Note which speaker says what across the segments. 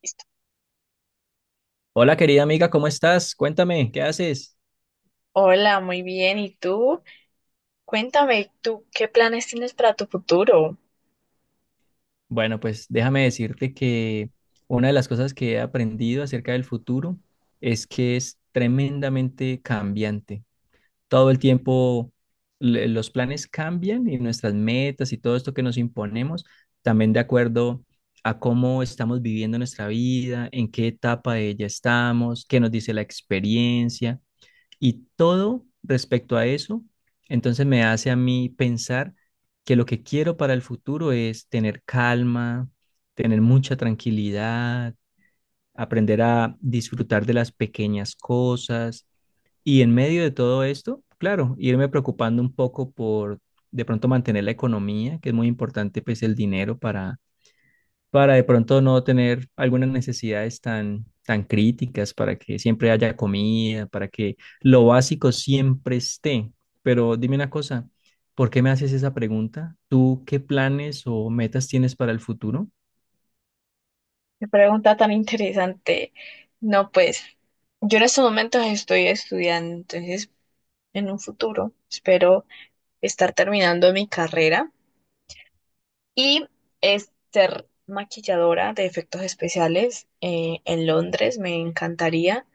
Speaker 1: Listo.
Speaker 2: Hola querida amiga, ¿cómo estás? Cuéntame, ¿qué haces?
Speaker 1: Hola, muy bien. ¿Y tú? Cuéntame, ¿tú qué planes tienes para tu futuro?
Speaker 2: Bueno, pues déjame decirte que una de las cosas que he aprendido acerca del futuro es que es tremendamente cambiante. Todo el tiempo los planes cambian y nuestras metas y todo esto que nos imponemos, también de acuerdo a cómo estamos viviendo nuestra vida, en qué etapa de ella estamos, qué nos dice la experiencia. Y todo respecto a eso, entonces me hace a mí pensar que lo que quiero para el futuro es tener calma, tener mucha tranquilidad, aprender a disfrutar de las pequeñas cosas. Y en medio de todo esto, claro, irme preocupando un poco por de pronto mantener la economía, que es muy importante, pues el dinero para de pronto no tener algunas necesidades tan críticas, para que siempre haya comida, para que lo básico siempre esté. Pero dime una cosa, ¿por qué me haces esa pregunta? ¿Tú qué planes o metas tienes para el futuro?
Speaker 1: Qué pregunta tan interesante. No, pues yo en estos momentos estoy estudiando, entonces en un futuro espero estar terminando mi carrera y es ser maquilladora de efectos especiales en Londres. Me encantaría.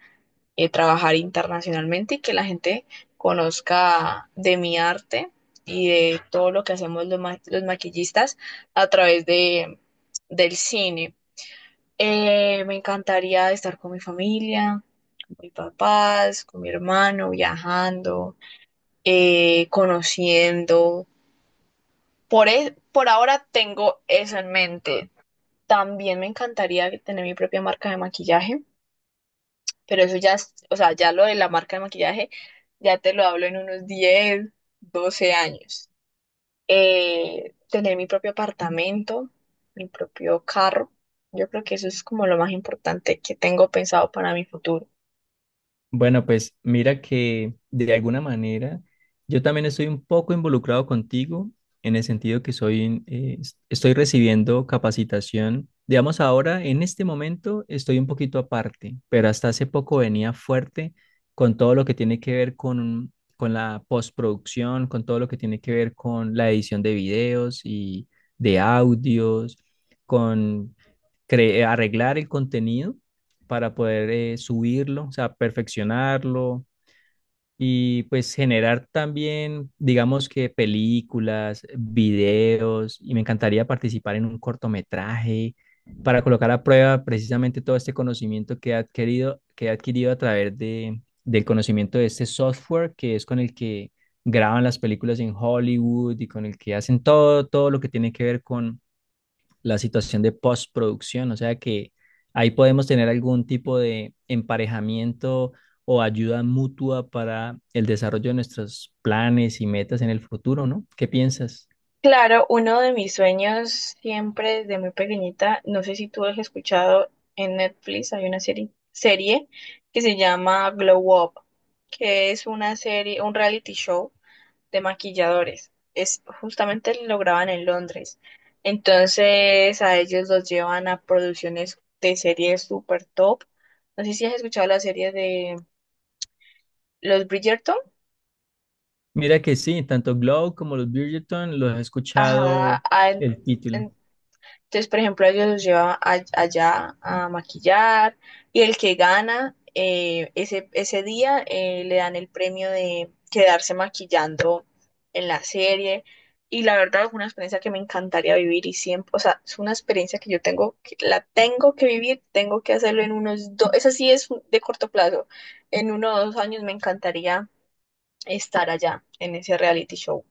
Speaker 1: Trabajar internacionalmente y que la gente conozca de mi arte y de todo lo que hacemos los maquillistas a través del cine. Me encantaría estar con mi familia, con mis papás, con mi hermano, viajando, conociendo. Por ahora tengo eso en mente. También me encantaría tener mi propia marca de maquillaje. Pero eso ya, o sea, ya lo de la marca de maquillaje, ya te lo hablo en unos 10 12 años. Tener mi propio apartamento, mi propio carro, yo creo que eso es como lo más importante que tengo pensado para mi futuro.
Speaker 2: Bueno, pues mira que de alguna manera yo también estoy un poco involucrado contigo en el sentido que soy, estoy recibiendo capacitación. Digamos, ahora en este momento estoy un poquito aparte, pero hasta hace poco venía fuerte con todo lo que tiene que ver con la postproducción, con todo lo que tiene que ver con la edición de videos y de audios, con arreglar el contenido para poder subirlo, o sea, perfeccionarlo y pues generar también, digamos que películas, videos, y me encantaría participar en un cortometraje para colocar a prueba precisamente todo este conocimiento que he adquirido, a través del conocimiento de este software que es con el que graban las películas en Hollywood y con el que hacen todo, todo lo que tiene que ver con la situación de postproducción, o sea que ahí podemos tener algún tipo de emparejamiento o ayuda mutua para el desarrollo de nuestros planes y metas en el futuro, ¿no? ¿Qué piensas?
Speaker 1: Claro, uno de mis sueños siempre desde muy pequeñita, no sé si tú has escuchado en Netflix, hay una serie que se llama Glow Up, que es una serie, un reality show de maquilladores. Es justamente lo graban en Londres. Entonces a ellos los llevan a producciones de series super top. No sé si has escuchado la serie de los Bridgerton.
Speaker 2: Mira que sí, tanto Glow como los Bridgerton los he
Speaker 1: Ajá,
Speaker 2: escuchado el título.
Speaker 1: entonces, por ejemplo, ellos los llevan allá a maquillar y el que gana ese día le dan el premio de quedarse maquillando en la serie. Y la verdad es una experiencia que me encantaría vivir y siempre, o sea, es una experiencia que yo tengo, la tengo que vivir, tengo que hacerlo en unos 2, esa sí es de corto plazo, en 1 o 2 años me encantaría estar allá en ese reality show.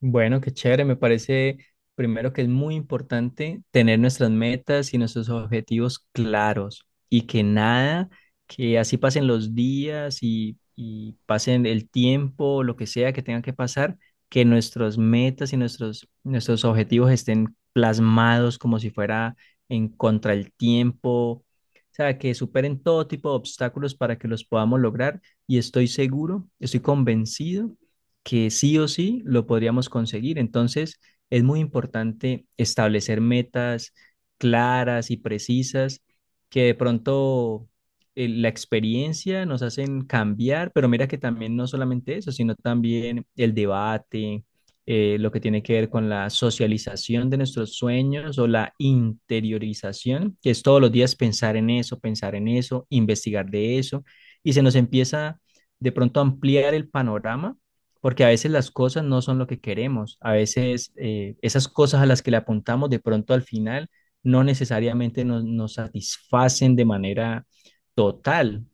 Speaker 2: Bueno, qué chévere. Me parece primero que es muy importante tener nuestras metas y nuestros objetivos claros y que nada, que así pasen los días y pasen el tiempo, lo que sea que tenga que pasar, que nuestras metas y nuestros objetivos estén plasmados como si fuera en contra el tiempo. O sea, que superen todo tipo de obstáculos para que los podamos lograr. Y estoy seguro, estoy convencido que sí o sí lo podríamos conseguir. Entonces, es muy importante establecer metas claras y precisas que de pronto la experiencia nos hacen cambiar, pero mira que también no solamente eso, sino también el debate, lo que tiene que ver con la socialización de nuestros sueños o la interiorización, que es todos los días pensar en eso, investigar de eso, y se nos empieza de pronto a ampliar el panorama porque a veces las cosas no son lo que queremos, a veces esas cosas a las que le apuntamos de pronto al final no necesariamente nos satisfacen de manera total.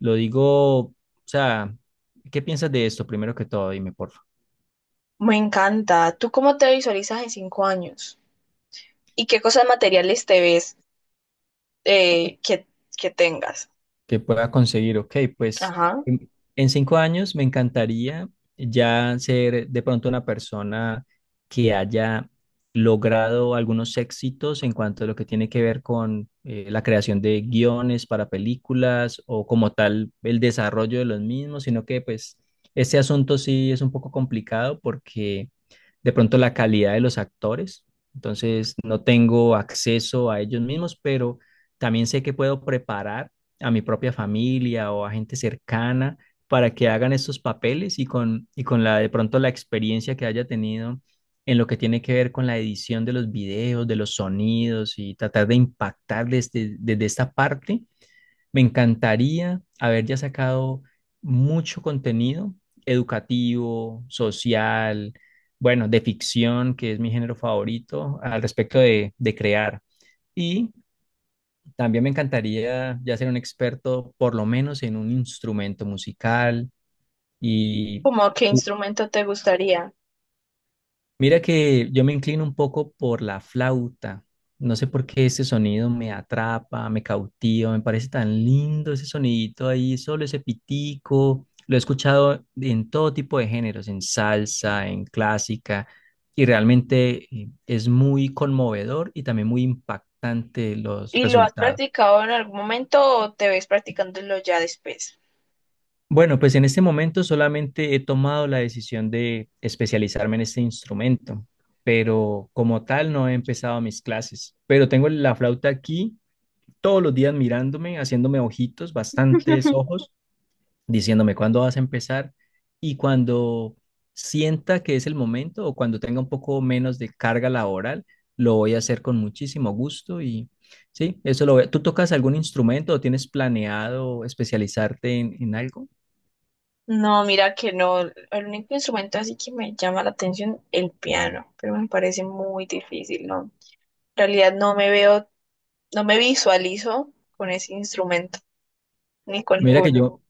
Speaker 2: Lo digo, o sea, ¿qué piensas de esto primero que todo? Dime, por
Speaker 1: Me encanta. ¿Tú cómo te visualizas en 5 años? ¿Y qué cosas materiales te ves eh, que, que tengas?
Speaker 2: que pueda conseguir, ok, pues
Speaker 1: Ajá.
Speaker 2: en, en 5 años me encantaría ya ser de pronto una persona que haya logrado algunos éxitos en cuanto a lo que tiene que ver con la creación de guiones para películas o como tal el desarrollo de los mismos, sino que pues este asunto sí es un poco complicado porque de pronto la calidad de los actores, entonces no tengo acceso a ellos mismos, pero también sé que puedo preparar a mi propia familia o a gente cercana para que hagan estos papeles y y con la de pronto la experiencia que haya tenido en lo que tiene que ver con la edición de los videos, de los sonidos y tratar de impactar desde esta parte. Me encantaría haber ya sacado mucho contenido educativo, social, bueno, de ficción, que es mi género favorito al respecto de crear. Y también me encantaría ya ser un experto, por lo menos en un instrumento musical. Y
Speaker 1: ¿Cómo qué
Speaker 2: u-
Speaker 1: instrumento te gustaría?
Speaker 2: mira que yo me inclino un poco por la flauta. No sé por qué ese sonido me atrapa, me cautiva, me parece tan lindo ese sonidito ahí, solo ese pitico. Lo he escuchado en todo tipo de géneros, en salsa, en clásica, y realmente es muy conmovedor y también muy impactante los
Speaker 1: ¿Y lo has
Speaker 2: resultados.
Speaker 1: practicado en algún momento o te ves practicándolo ya después?
Speaker 2: Bueno, pues en este momento solamente he tomado la decisión de especializarme en este instrumento, pero como tal no he empezado mis clases. Pero tengo la flauta aquí todos los días mirándome, haciéndome ojitos, bastantes ojos, diciéndome cuándo vas a empezar y cuando sienta que es el momento o cuando tenga un poco menos de carga laboral, lo voy a hacer con muchísimo gusto y sí, eso lo voy a- ¿Tú tocas algún instrumento o tienes planeado especializarte en algo?
Speaker 1: No, mira que no. El único instrumento así que me llama la atención, el piano, pero me parece muy difícil, ¿no? En realidad no me veo, no me visualizo con ese instrumento, ni con
Speaker 2: Mira que
Speaker 1: ninguno.
Speaker 2: yo,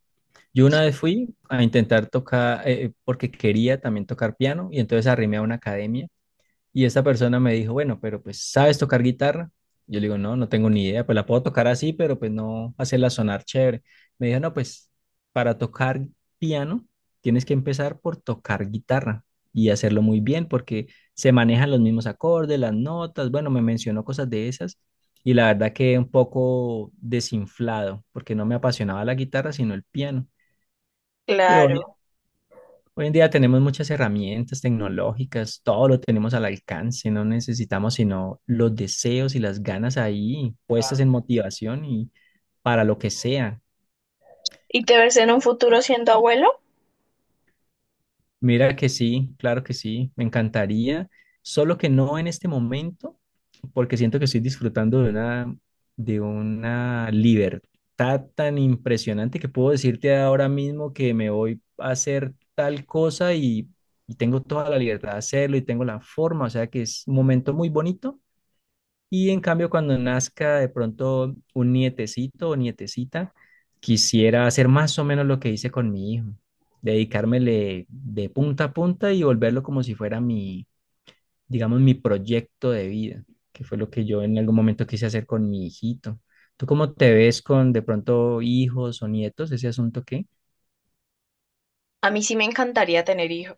Speaker 2: Yo una vez fui a intentar tocar, porque quería también tocar piano, y entonces arrimé a una academia, y esa persona me dijo, bueno, pero pues, ¿sabes tocar guitarra? Yo le digo, no, no tengo ni idea, pues la puedo tocar así, pero pues no hacerla sonar chévere. Me dijo, no, pues para tocar piano tienes que empezar por tocar guitarra y hacerlo muy bien, porque se manejan los mismos acordes, las notas, bueno, me mencionó cosas de esas, y la verdad que un poco desinflado, porque no me apasionaba la guitarra, sino el piano. Pero
Speaker 1: Claro.
Speaker 2: hoy en día tenemos muchas herramientas tecnológicas, todo lo tenemos al alcance, no necesitamos sino los deseos y las ganas ahí puestas en motivación y para lo que sea.
Speaker 1: ¿Y te ves en un futuro siendo abuelo?
Speaker 2: Mira que sí, claro que sí, me encantaría, solo que no en este momento porque siento que estoy disfrutando de una libertad tan impresionante que puedo decirte ahora mismo que me voy a hacer tal cosa y tengo toda la libertad de hacerlo y tengo la forma, o sea que es un momento muy bonito. Y en cambio, cuando nazca de pronto un nietecito o nietecita, quisiera hacer más o menos lo que hice con mi hijo, dedicármele de punta a punta y volverlo como si fuera digamos, mi proyecto de vida, que fue lo que yo en algún momento quise hacer con mi hijito. ¿Tú cómo te ves con de pronto hijos o nietos? ¿Ese asunto qué?
Speaker 1: A mí sí me encantaría tener hijos.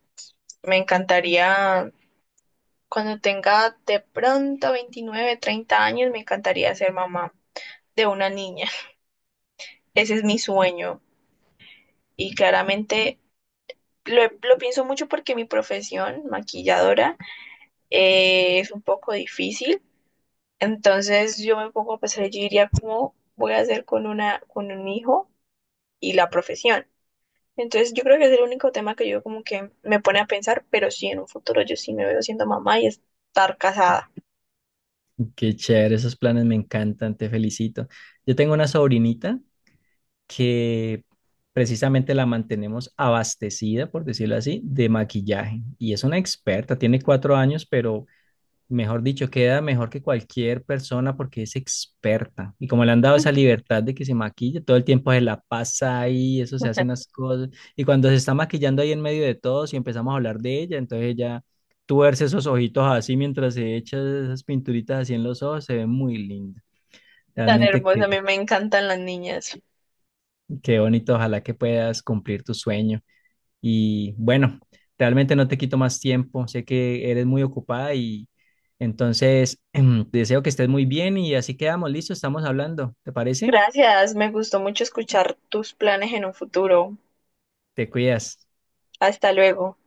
Speaker 1: Me encantaría, cuando tenga de pronto 29, 30 años, me encantaría ser mamá de una niña. Ese es mi sueño. Y claramente lo pienso mucho porque mi profesión, maquilladora, es un poco difícil. Entonces yo me pongo a pensar, yo diría, ¿cómo voy a hacer con una, con un hijo y la profesión? Entonces yo creo que es el único tema que yo como que me pone a pensar, pero sí, en un futuro yo sí me veo siendo mamá y estar casada.
Speaker 2: Qué chévere, esos planes me encantan, te felicito. Yo tengo una sobrinita que precisamente la mantenemos abastecida, por decirlo así, de maquillaje. Y es una experta, tiene 4 años, pero mejor dicho, queda mejor que cualquier persona porque es experta. Y como le han dado esa libertad de que se maquille, todo el tiempo se la pasa ahí, eso se hace unas cosas. Y cuando se está maquillando ahí en medio de todos y empezamos a hablar de ella, entonces ella tuerce esos ojitos así mientras se echa esas pinturitas así en los ojos, se ve muy linda.
Speaker 1: Tan
Speaker 2: Realmente
Speaker 1: hermosa, a mí me encantan las niñas.
Speaker 2: qué bonito, ojalá que puedas cumplir tu sueño. Y bueno, realmente no te quito más tiempo, sé que eres muy ocupada y entonces deseo que estés muy bien y así quedamos, listo, estamos hablando, ¿te parece?
Speaker 1: Gracias, me gustó mucho escuchar tus planes en un futuro.
Speaker 2: Te cuidas.
Speaker 1: Hasta luego.